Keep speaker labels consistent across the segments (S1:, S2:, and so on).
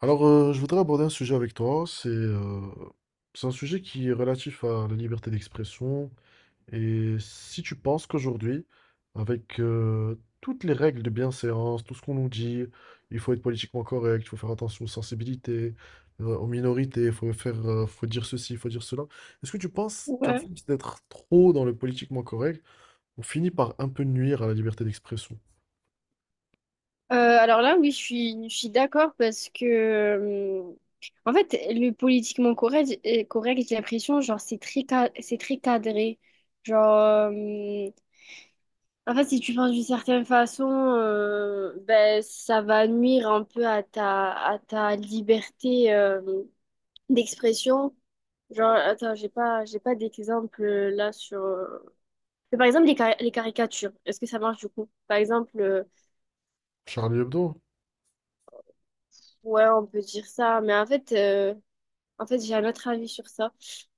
S1: Alors, je voudrais aborder un sujet avec toi. C'est un sujet qui est relatif à la liberté d'expression. Et si tu penses qu'aujourd'hui, avec toutes les règles de bienséance, tout ce qu'on nous dit, il faut être politiquement correct, il faut faire attention aux sensibilités, aux minorités, il faut faire, faut dire ceci, il faut dire cela. Est-ce que tu penses qu'à
S2: Ouais.
S1: force d'être trop dans le politiquement correct, on finit par un peu nuire à la liberté d'expression?
S2: Alors là, oui, je suis d'accord parce que, en fait, le politiquement correct, correct, j'ai l'impression, genre, c'est très cadré. Genre, euh, En fait, si tu penses d'une certaine façon, ben, ça va nuire un peu à à ta liberté, d'expression. Genre, attends, j'ai pas d'exemple là sur. Mais par exemple, les caricatures, est-ce que ça marche du coup? Par exemple,
S1: Charlie Hebdo?
S2: ouais, on peut dire ça, mais en fait, j'ai un autre avis sur ça.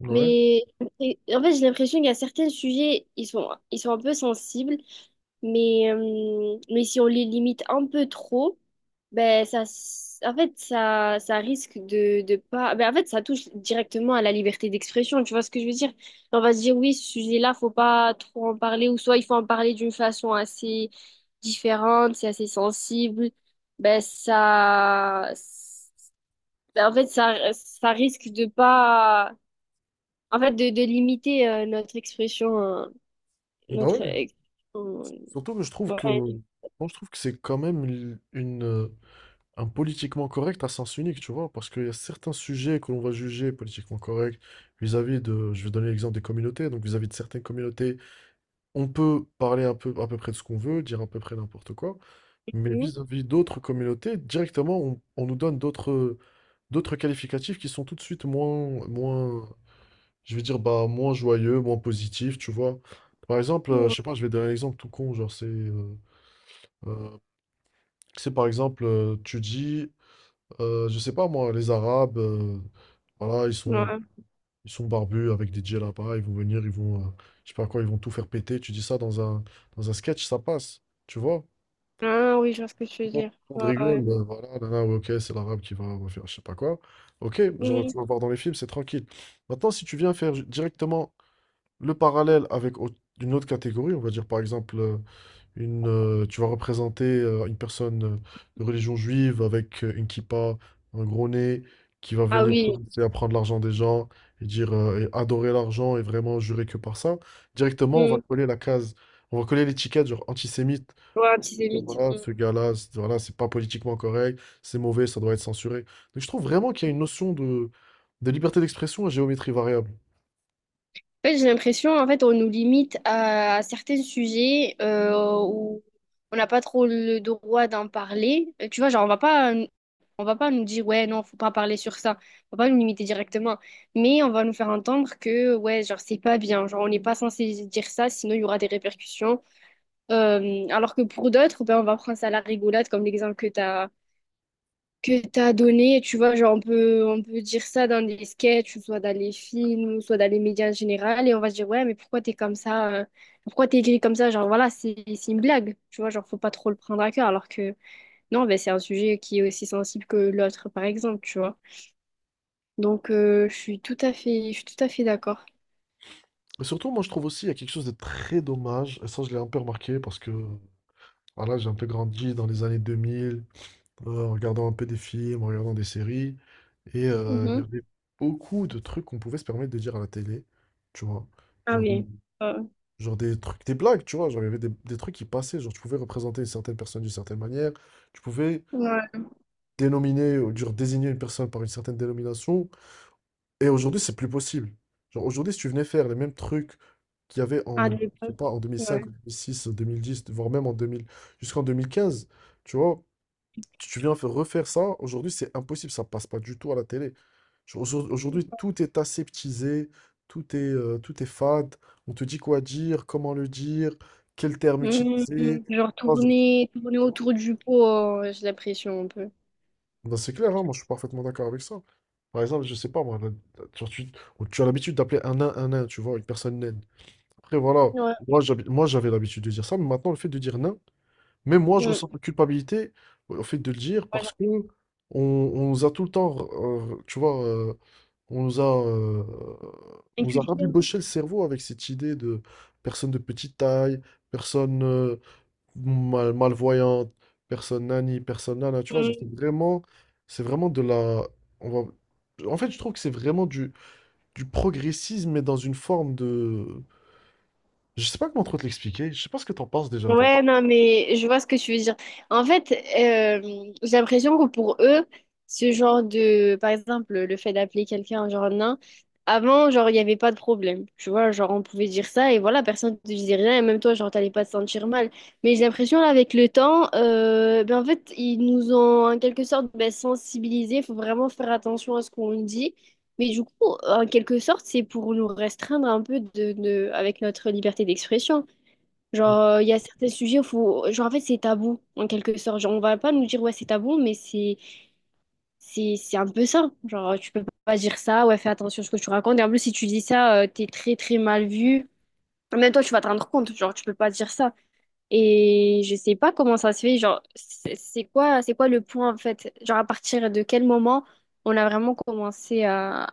S1: Ouais.
S2: Mais en fait, j'ai l'impression qu'il y a certains sujets, ils sont un peu sensibles, mais si on les limite un peu trop, en fait, ça risque de pas. Ben en fait, ça touche directement à la liberté d'expression. Tu vois ce que je veux dire? On va se dire oui, ce sujet-là, faut pas trop en parler, ou soit il faut en parler d'une façon assez différente, c'est assez sensible ben ça ben, en fait, ça risque de pas, en fait, de limiter notre expression,
S1: Bah
S2: notre
S1: ouais.
S2: ex- euh,
S1: Surtout que je trouve que,
S2: ouais.
S1: moi, je trouve que c'est quand même un politiquement correct à sens unique, tu vois, parce qu'il y a certains sujets que l'on va juger politiquement corrects vis-à-vis de, je vais donner l'exemple des communautés, donc vis-à-vis de certaines communautés, on peut parler un peu, à peu près de ce qu'on veut, dire à peu près n'importe quoi, mais
S2: Mhm.
S1: vis-à-vis d'autres communautés, directement, on nous donne d'autres qualificatifs qui sont tout de suite moins, moins, je vais dire, bah, moins joyeux, moins positifs, tu vois. Par exemple, je sais pas, je vais donner un exemple tout con, genre euh, C'est par exemple, tu dis, je sais pas moi, les Arabes, voilà, ils sont,
S2: Ouais.
S1: ils sont barbus avec des djellabas, ils vont venir, ils vont, je sais pas quoi, ils vont tout faire péter. Tu dis ça dans un sketch, ça passe, tu vois?
S2: Ah oui, je vois ce que tu
S1: Tout
S2: veux
S1: le
S2: dire.
S1: monde
S2: Ouais, ouais.
S1: rigole, voilà, là, là, ouais, ok, c'est l'Arabe qui va faire je sais pas quoi. Ok, genre,
S2: Mhm.
S1: tu vas voir dans les films, c'est tranquille. Maintenant, si tu viens faire directement le parallèle avec une autre catégorie, on va dire par exemple tu vas représenter une personne de religion juive avec une kippa, un gros nez, qui va
S2: Ah
S1: venir
S2: oui.
S1: commencer à prendre l'argent des gens et dire et adorer l'argent et vraiment jurer que par ça. Directement, on va
S2: Mhm.
S1: coller la case, on va coller l'étiquette genre antisémite.
S2: Ouais,
S1: On va dire,
S2: antisémite.
S1: voilà, ce gars-là, voilà, c'est pas politiquement correct, c'est mauvais, ça doit être censuré. Donc je trouve vraiment qu'il y a une notion de liberté d'expression à géométrie variable.
S2: En fait, j'ai l'impression, en fait, on nous limite à certains sujets où on n'a pas trop le droit d'en parler. Tu vois, genre, on va pas nous dire, ouais, non, faut pas parler sur ça. On va pas nous limiter directement. Mais on va nous faire entendre que, ouais, genre, c'est pas bien. Genre, on n'est pas censé dire ça, sinon il y aura des répercussions. Alors que pour d'autres, ben, on va prendre ça à la rigolade, comme l'exemple que t'as donné, tu vois, genre on peut dire ça dans des sketchs, ou soit dans les films, ou soit dans les médias en général, et on va se dire, ouais, mais pourquoi t'es comme ça, pourquoi t'es écrit comme ça, genre voilà, c'est une blague, tu vois, genre faut pas trop le prendre à cœur, alors que non, ben, c'est un sujet qui est aussi sensible que l'autre, par exemple, tu vois. Donc je suis tout à fait d'accord.
S1: Et surtout, moi, je trouve aussi qu'il y a quelque chose de très dommage, et ça, je l'ai un peu remarqué parce que voilà, j'ai un peu grandi dans les années 2000, en regardant un peu des films, en regardant des séries. Et il y
S2: Mhm.
S1: avait beaucoup de trucs qu'on pouvait se permettre de dire à la télé, tu vois.
S2: Ah
S1: Genre, Mm.
S2: oui. Euh,
S1: Genre des trucs, des blagues, tu vois. Genre, il y avait des trucs qui passaient. Genre, tu pouvais représenter une certaine personne d'une certaine manière. Tu pouvais
S2: ouais.
S1: dénominer, ou genre, désigner une personne par une certaine dénomination. Et aujourd'hui, c'est plus possible. Genre, aujourd'hui, si tu venais faire les mêmes trucs qu'il y avait
S2: Ah,
S1: en,
S2: de
S1: je sais
S2: l'époque.
S1: pas, en
S2: Ouais.
S1: 2005, en 2006, en 2010 voire même en 2000 jusqu'en 2015, tu vois. Tu viens faire- refaire ça, aujourd'hui c'est impossible, ça passe pas du tout à la télé. Genre, aujourd'hui tout est aseptisé, tout est fade, on te dit quoi dire, comment le dire, quel terme utiliser.
S2: Mhm. Genre
S1: Moi, je-
S2: tourner autour du pot, j'ai l'impression un peu.
S1: Ben, c'est clair, hein, moi je suis parfaitement d'accord avec ça. Par exemple, je sais pas, moi, genre, tu as l'habitude d'appeler un nain, tu vois, une personne naine. Après voilà,
S2: Ouais.
S1: moi, j'avais l'habitude de dire ça, mais maintenant le fait de dire nain, mais moi, je
S2: Mm.
S1: ressens de la culpabilité bah, au fait de le dire
S2: Ouais.
S1: parce que on nous a tout le temps, tu vois, on nous a, euh, on nous a
S2: Inculquer.
S1: rabiboché le cerveau avec cette idée de personne de petite taille, personne malvoyante, personne nani, personne nana, tu vois, genre, c'est
S2: Mm.
S1: vraiment, c'est vraiment de la, on va- en fait, je trouve que c'est vraiment du progressisme, mais dans une forme de, je sais pas comment trop te l'expliquer, je sais pas ce que t'en penses déjà, toi.
S2: Ouais, non, mais je vois ce que tu veux dire. En fait, j'ai l'impression que pour eux, ce genre de, par exemple, le fait d'appeler quelqu'un genre nain, avant, genre, il n'y avait pas de problème. Tu vois, genre, on pouvait dire ça et voilà, personne ne te disait rien et même toi, genre, t'allais pas te sentir mal. Mais j'ai l'impression, là, avec le temps, ben, en fait, ils nous ont en quelque sorte ben, sensibilisés. Il faut vraiment faire attention à ce qu'on dit. Mais du coup, en quelque sorte, c'est pour nous restreindre un peu avec notre liberté d'expression. Genre, il y a certains sujets où faut... Genre, en fait, c'est tabou, en quelque sorte. Genre, on va pas nous dire, ouais, c'est tabou, mais c'est c'est un peu ça. Genre, tu peux pas dire ça, ouais, fais attention à ce que tu racontes. Et en plus, si tu dis ça, t'es très, très mal vu. Même toi, tu vas te rendre compte, genre, tu peux pas dire ça. Et je sais pas comment ça se fait, genre, c'est quoi le point, en fait? Genre, à partir de quel moment on a vraiment commencé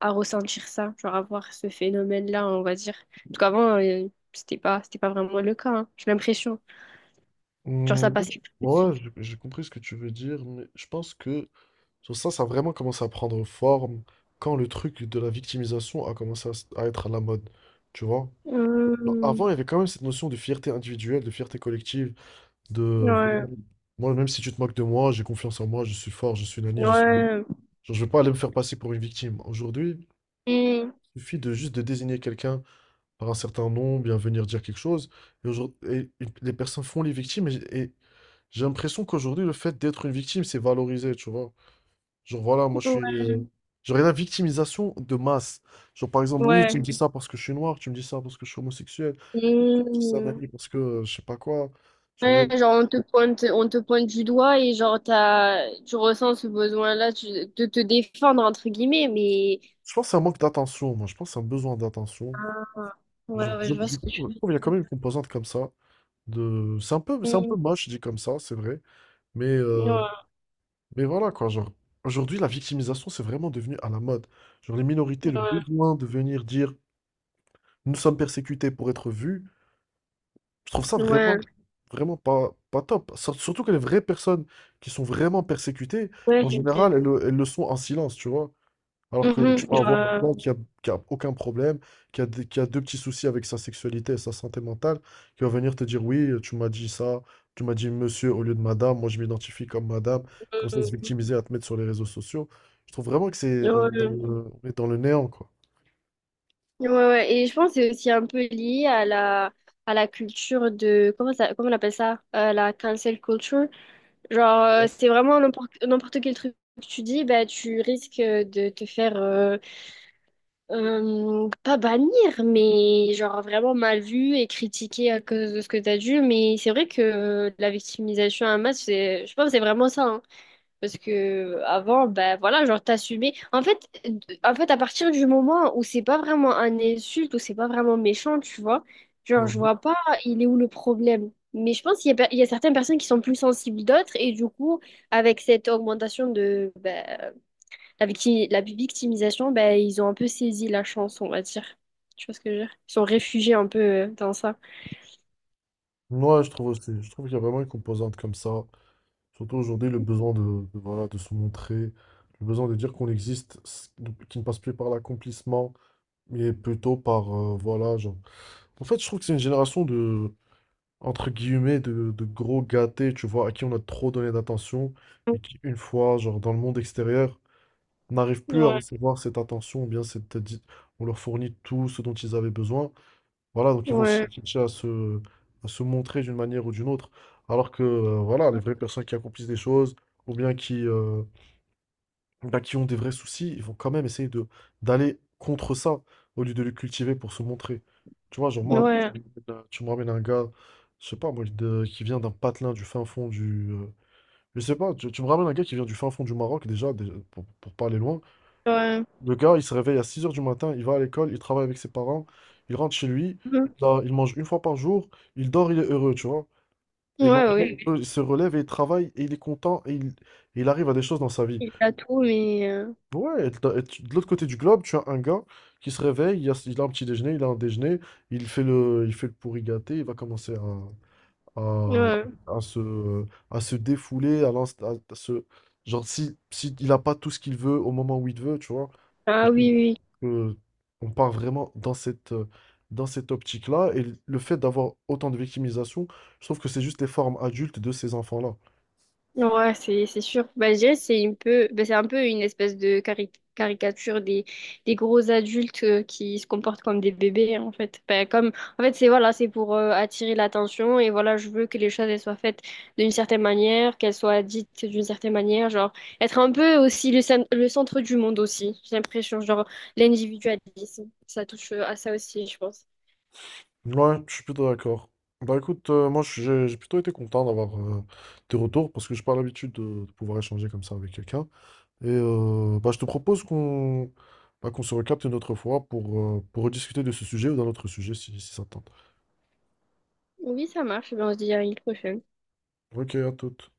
S2: à ressentir ça, genre, à voir ce phénomène-là, on va dire. En tout cas, avant, c'était pas vraiment le cas, hein, j'ai l'impression. Genre,
S1: Hmm,
S2: ça passait plus.
S1: ouais, j'ai compris ce que tu veux dire, mais je pense que sur ça, ça a vraiment commencé à prendre forme quand le truc de la victimisation a commencé à, à être à la mode, tu vois? Genre,
S2: Hmm.
S1: avant, il y avait quand même cette notion de fierté individuelle, de fierté collective, de
S2: Ouais,
S1: moi, même si tu te moques de moi, j'ai confiance en moi, je suis fort, je suis nani, je suis.
S2: ouais.
S1: Genre, je vais pas aller me faire passer pour une victime. Aujourd'hui,
S2: Hmm.
S1: il suffit de juste de désigner quelqu'un par un certain nom, bien venir dire quelque chose, et, aujourd'hui, et les personnes font les victimes, et j'ai l'impression qu'aujourd'hui, le fait d'être une victime, c'est valorisé, tu vois. Genre, voilà, moi, je suis.
S2: Ouais,
S1: euh, Genre, il y a la victimisation de masse. Genre, par exemple, oui, tu
S2: ouais.
S1: me dis ça parce que je suis noir, tu me dis ça parce que je suis homosexuel, tu me dis ça,
S2: Hmm.
S1: Nani, parce que je sais pas quoi. Genre,
S2: Ouais, genre on te pointe du doigt et genre tu ressens ce besoin-là de te défendre entre guillemets, mais
S1: je pense que c'est un manque d'attention, moi. Je pense que c'est un besoin d'attention.
S2: Ah.
S1: Genre,
S2: Ouais, ouais,
S1: je,
S2: je vois
S1: je
S2: ce que tu
S1: trouve qu'il y a quand même une composante comme ça. C'est un peu
S2: veux.
S1: moche, dit comme ça, c'est vrai. Mais, euh,
S2: Ouais,
S1: mais voilà, quoi. Genre, aujourd'hui, la victimisation, c'est vraiment devenu à la mode. Genre, les minorités, le besoin de venir dire. Nous sommes persécutés pour être vus. Je trouve ça
S2: ouais, ouais,
S1: vraiment, vraiment pas, pas top. Surtout que les vraies personnes qui sont vraiment persécutées,
S2: ouais,
S1: en
S2: c'est
S1: général,
S2: vrai.
S1: elles le sont en silence, tu vois. Alors que tu
S2: Mhm.
S1: peux avoir quelqu'un qui a aucun problème, qui a deux petits soucis avec sa sexualité et sa santé mentale, qui va venir te dire, oui, tu m'as dit ça, tu m'as dit monsieur au lieu de madame, moi je m'identifie comme madame, comme ça se
S2: Euh,
S1: victimiser à te mettre sur les réseaux sociaux. Je trouve vraiment que c'est,
S2: hmm.
S1: on est dans
S2: Ouais,
S1: le, on est dans le néant, quoi.
S2: ouais, ouais. Ouais. Et je pense que c'est aussi un peu lié à la culture de, comment ça, comment on appelle ça? La cancel culture. Genre, c'est vraiment n'importe quel truc que tu dis, bah, tu risques de te faire, pas bannir, mais genre vraiment mal vu et critiqué à cause de ce que tu as dit. Mais c'est vrai que la victimisation à masse, c'est, je pense que c'est vraiment ça, hein. Parce que avant, ben voilà, genre t'assumais. En fait, à partir du moment où c'est pas vraiment un insulte, où c'est pas vraiment méchant, tu vois, genre je
S1: Ouais.
S2: vois pas il est où le problème. Mais je pense qu'il y a, il y a certaines personnes qui sont plus sensibles d'autres, et du coup, avec cette augmentation de ben, la victimisation, ben ils ont un peu saisi la chance, on va dire. Tu vois ce que je veux dire? Ils sont réfugiés un peu dans ça.
S1: Moi, je trouve aussi. Je trouve qu'il y a vraiment une composante comme ça. Surtout aujourd'hui, le besoin de, voilà, de se montrer, le besoin de dire qu'on existe, donc, qui ne passe plus par l'accomplissement, mais plutôt par, voilà, genre. En fait, je trouve que c'est une génération de, entre guillemets, de gros gâtés, tu vois, à qui on a trop donné d'attention et qui, une fois, genre, dans le monde extérieur, n'arrivent plus à
S2: Ouais,
S1: recevoir cette attention, ou bien cette, on leur fournit tout ce dont ils avaient besoin. Voilà, donc ils vont
S2: ouais,
S1: chercher à se, montrer d'une manière ou d'une autre. Alors que voilà, les vraies personnes qui accomplissent des choses ou bien qui ont des vrais soucis, ils vont quand même essayer de d'aller contre ça au lieu de le cultiver pour se montrer. Tu vois, genre moi,
S2: ouais,
S1: tu me ramènes un gars, je sais pas moi, qui vient d'un patelin du fin fond du. Je sais pas, tu me ramènes un gars qui vient du fin fond du Maroc déjà, déjà, pour pas aller loin.
S2: ouais.
S1: Le gars, il se réveille à 6 heures du matin, il va à l'école, il travaille avec ses parents, il rentre chez lui,
S2: Mhm.
S1: là, il mange une fois par jour, il dort, il est heureux, tu vois. Et le
S2: Ouais,
S1: lendemain,
S2: oui.
S1: il se relève et il travaille et il est content et il arrive à des choses dans sa vie.
S2: Il a tout, mais...
S1: Ouais, de l'autre côté du globe, tu as un gars qui se réveille, il a un petit déjeuner, il a un déjeuner, il fait le pourri gâté, il va commencer à, à,
S2: ouais.
S1: à se défouler, à, l'ins- à se. Genre, si il n'a pas tout ce qu'il veut au moment où il veut, tu vois.
S2: Ah oui, oui.
S1: Que on part vraiment dans cette, dans cette optique-là. Et le fait d'avoir autant de victimisation, je trouve que c'est juste les formes adultes de ces enfants-là.
S2: Oui. Ouais, c'est sûr. Bah, je dirais que c'est un peu, bah, c'est un peu une espèce de caricature des gros adultes qui se comportent comme des bébés, hein, en fait. Bah, comme, en fait, c'est voilà, c'est pour attirer l'attention et voilà, je veux que les choses elles soient faites d'une certaine manière, qu'elles soient dites d'une certaine manière, genre être un peu aussi le, le centre du monde aussi. J'ai l'impression, genre l'individualisme, ça touche à ça aussi, je pense.
S1: Ouais, je suis plutôt d'accord. Bah écoute, moi j'ai plutôt été content d'avoir tes retours parce que j'ai pas l'habitude de pouvoir échanger comme ça avec quelqu'un. Et bah, je te propose qu'on se recapte une autre fois pour rediscuter de ce sujet ou d'un autre sujet si ça te tente.
S2: Oui, ça marche. Ben, on se dit à une prochaine.
S1: Ok, à toute.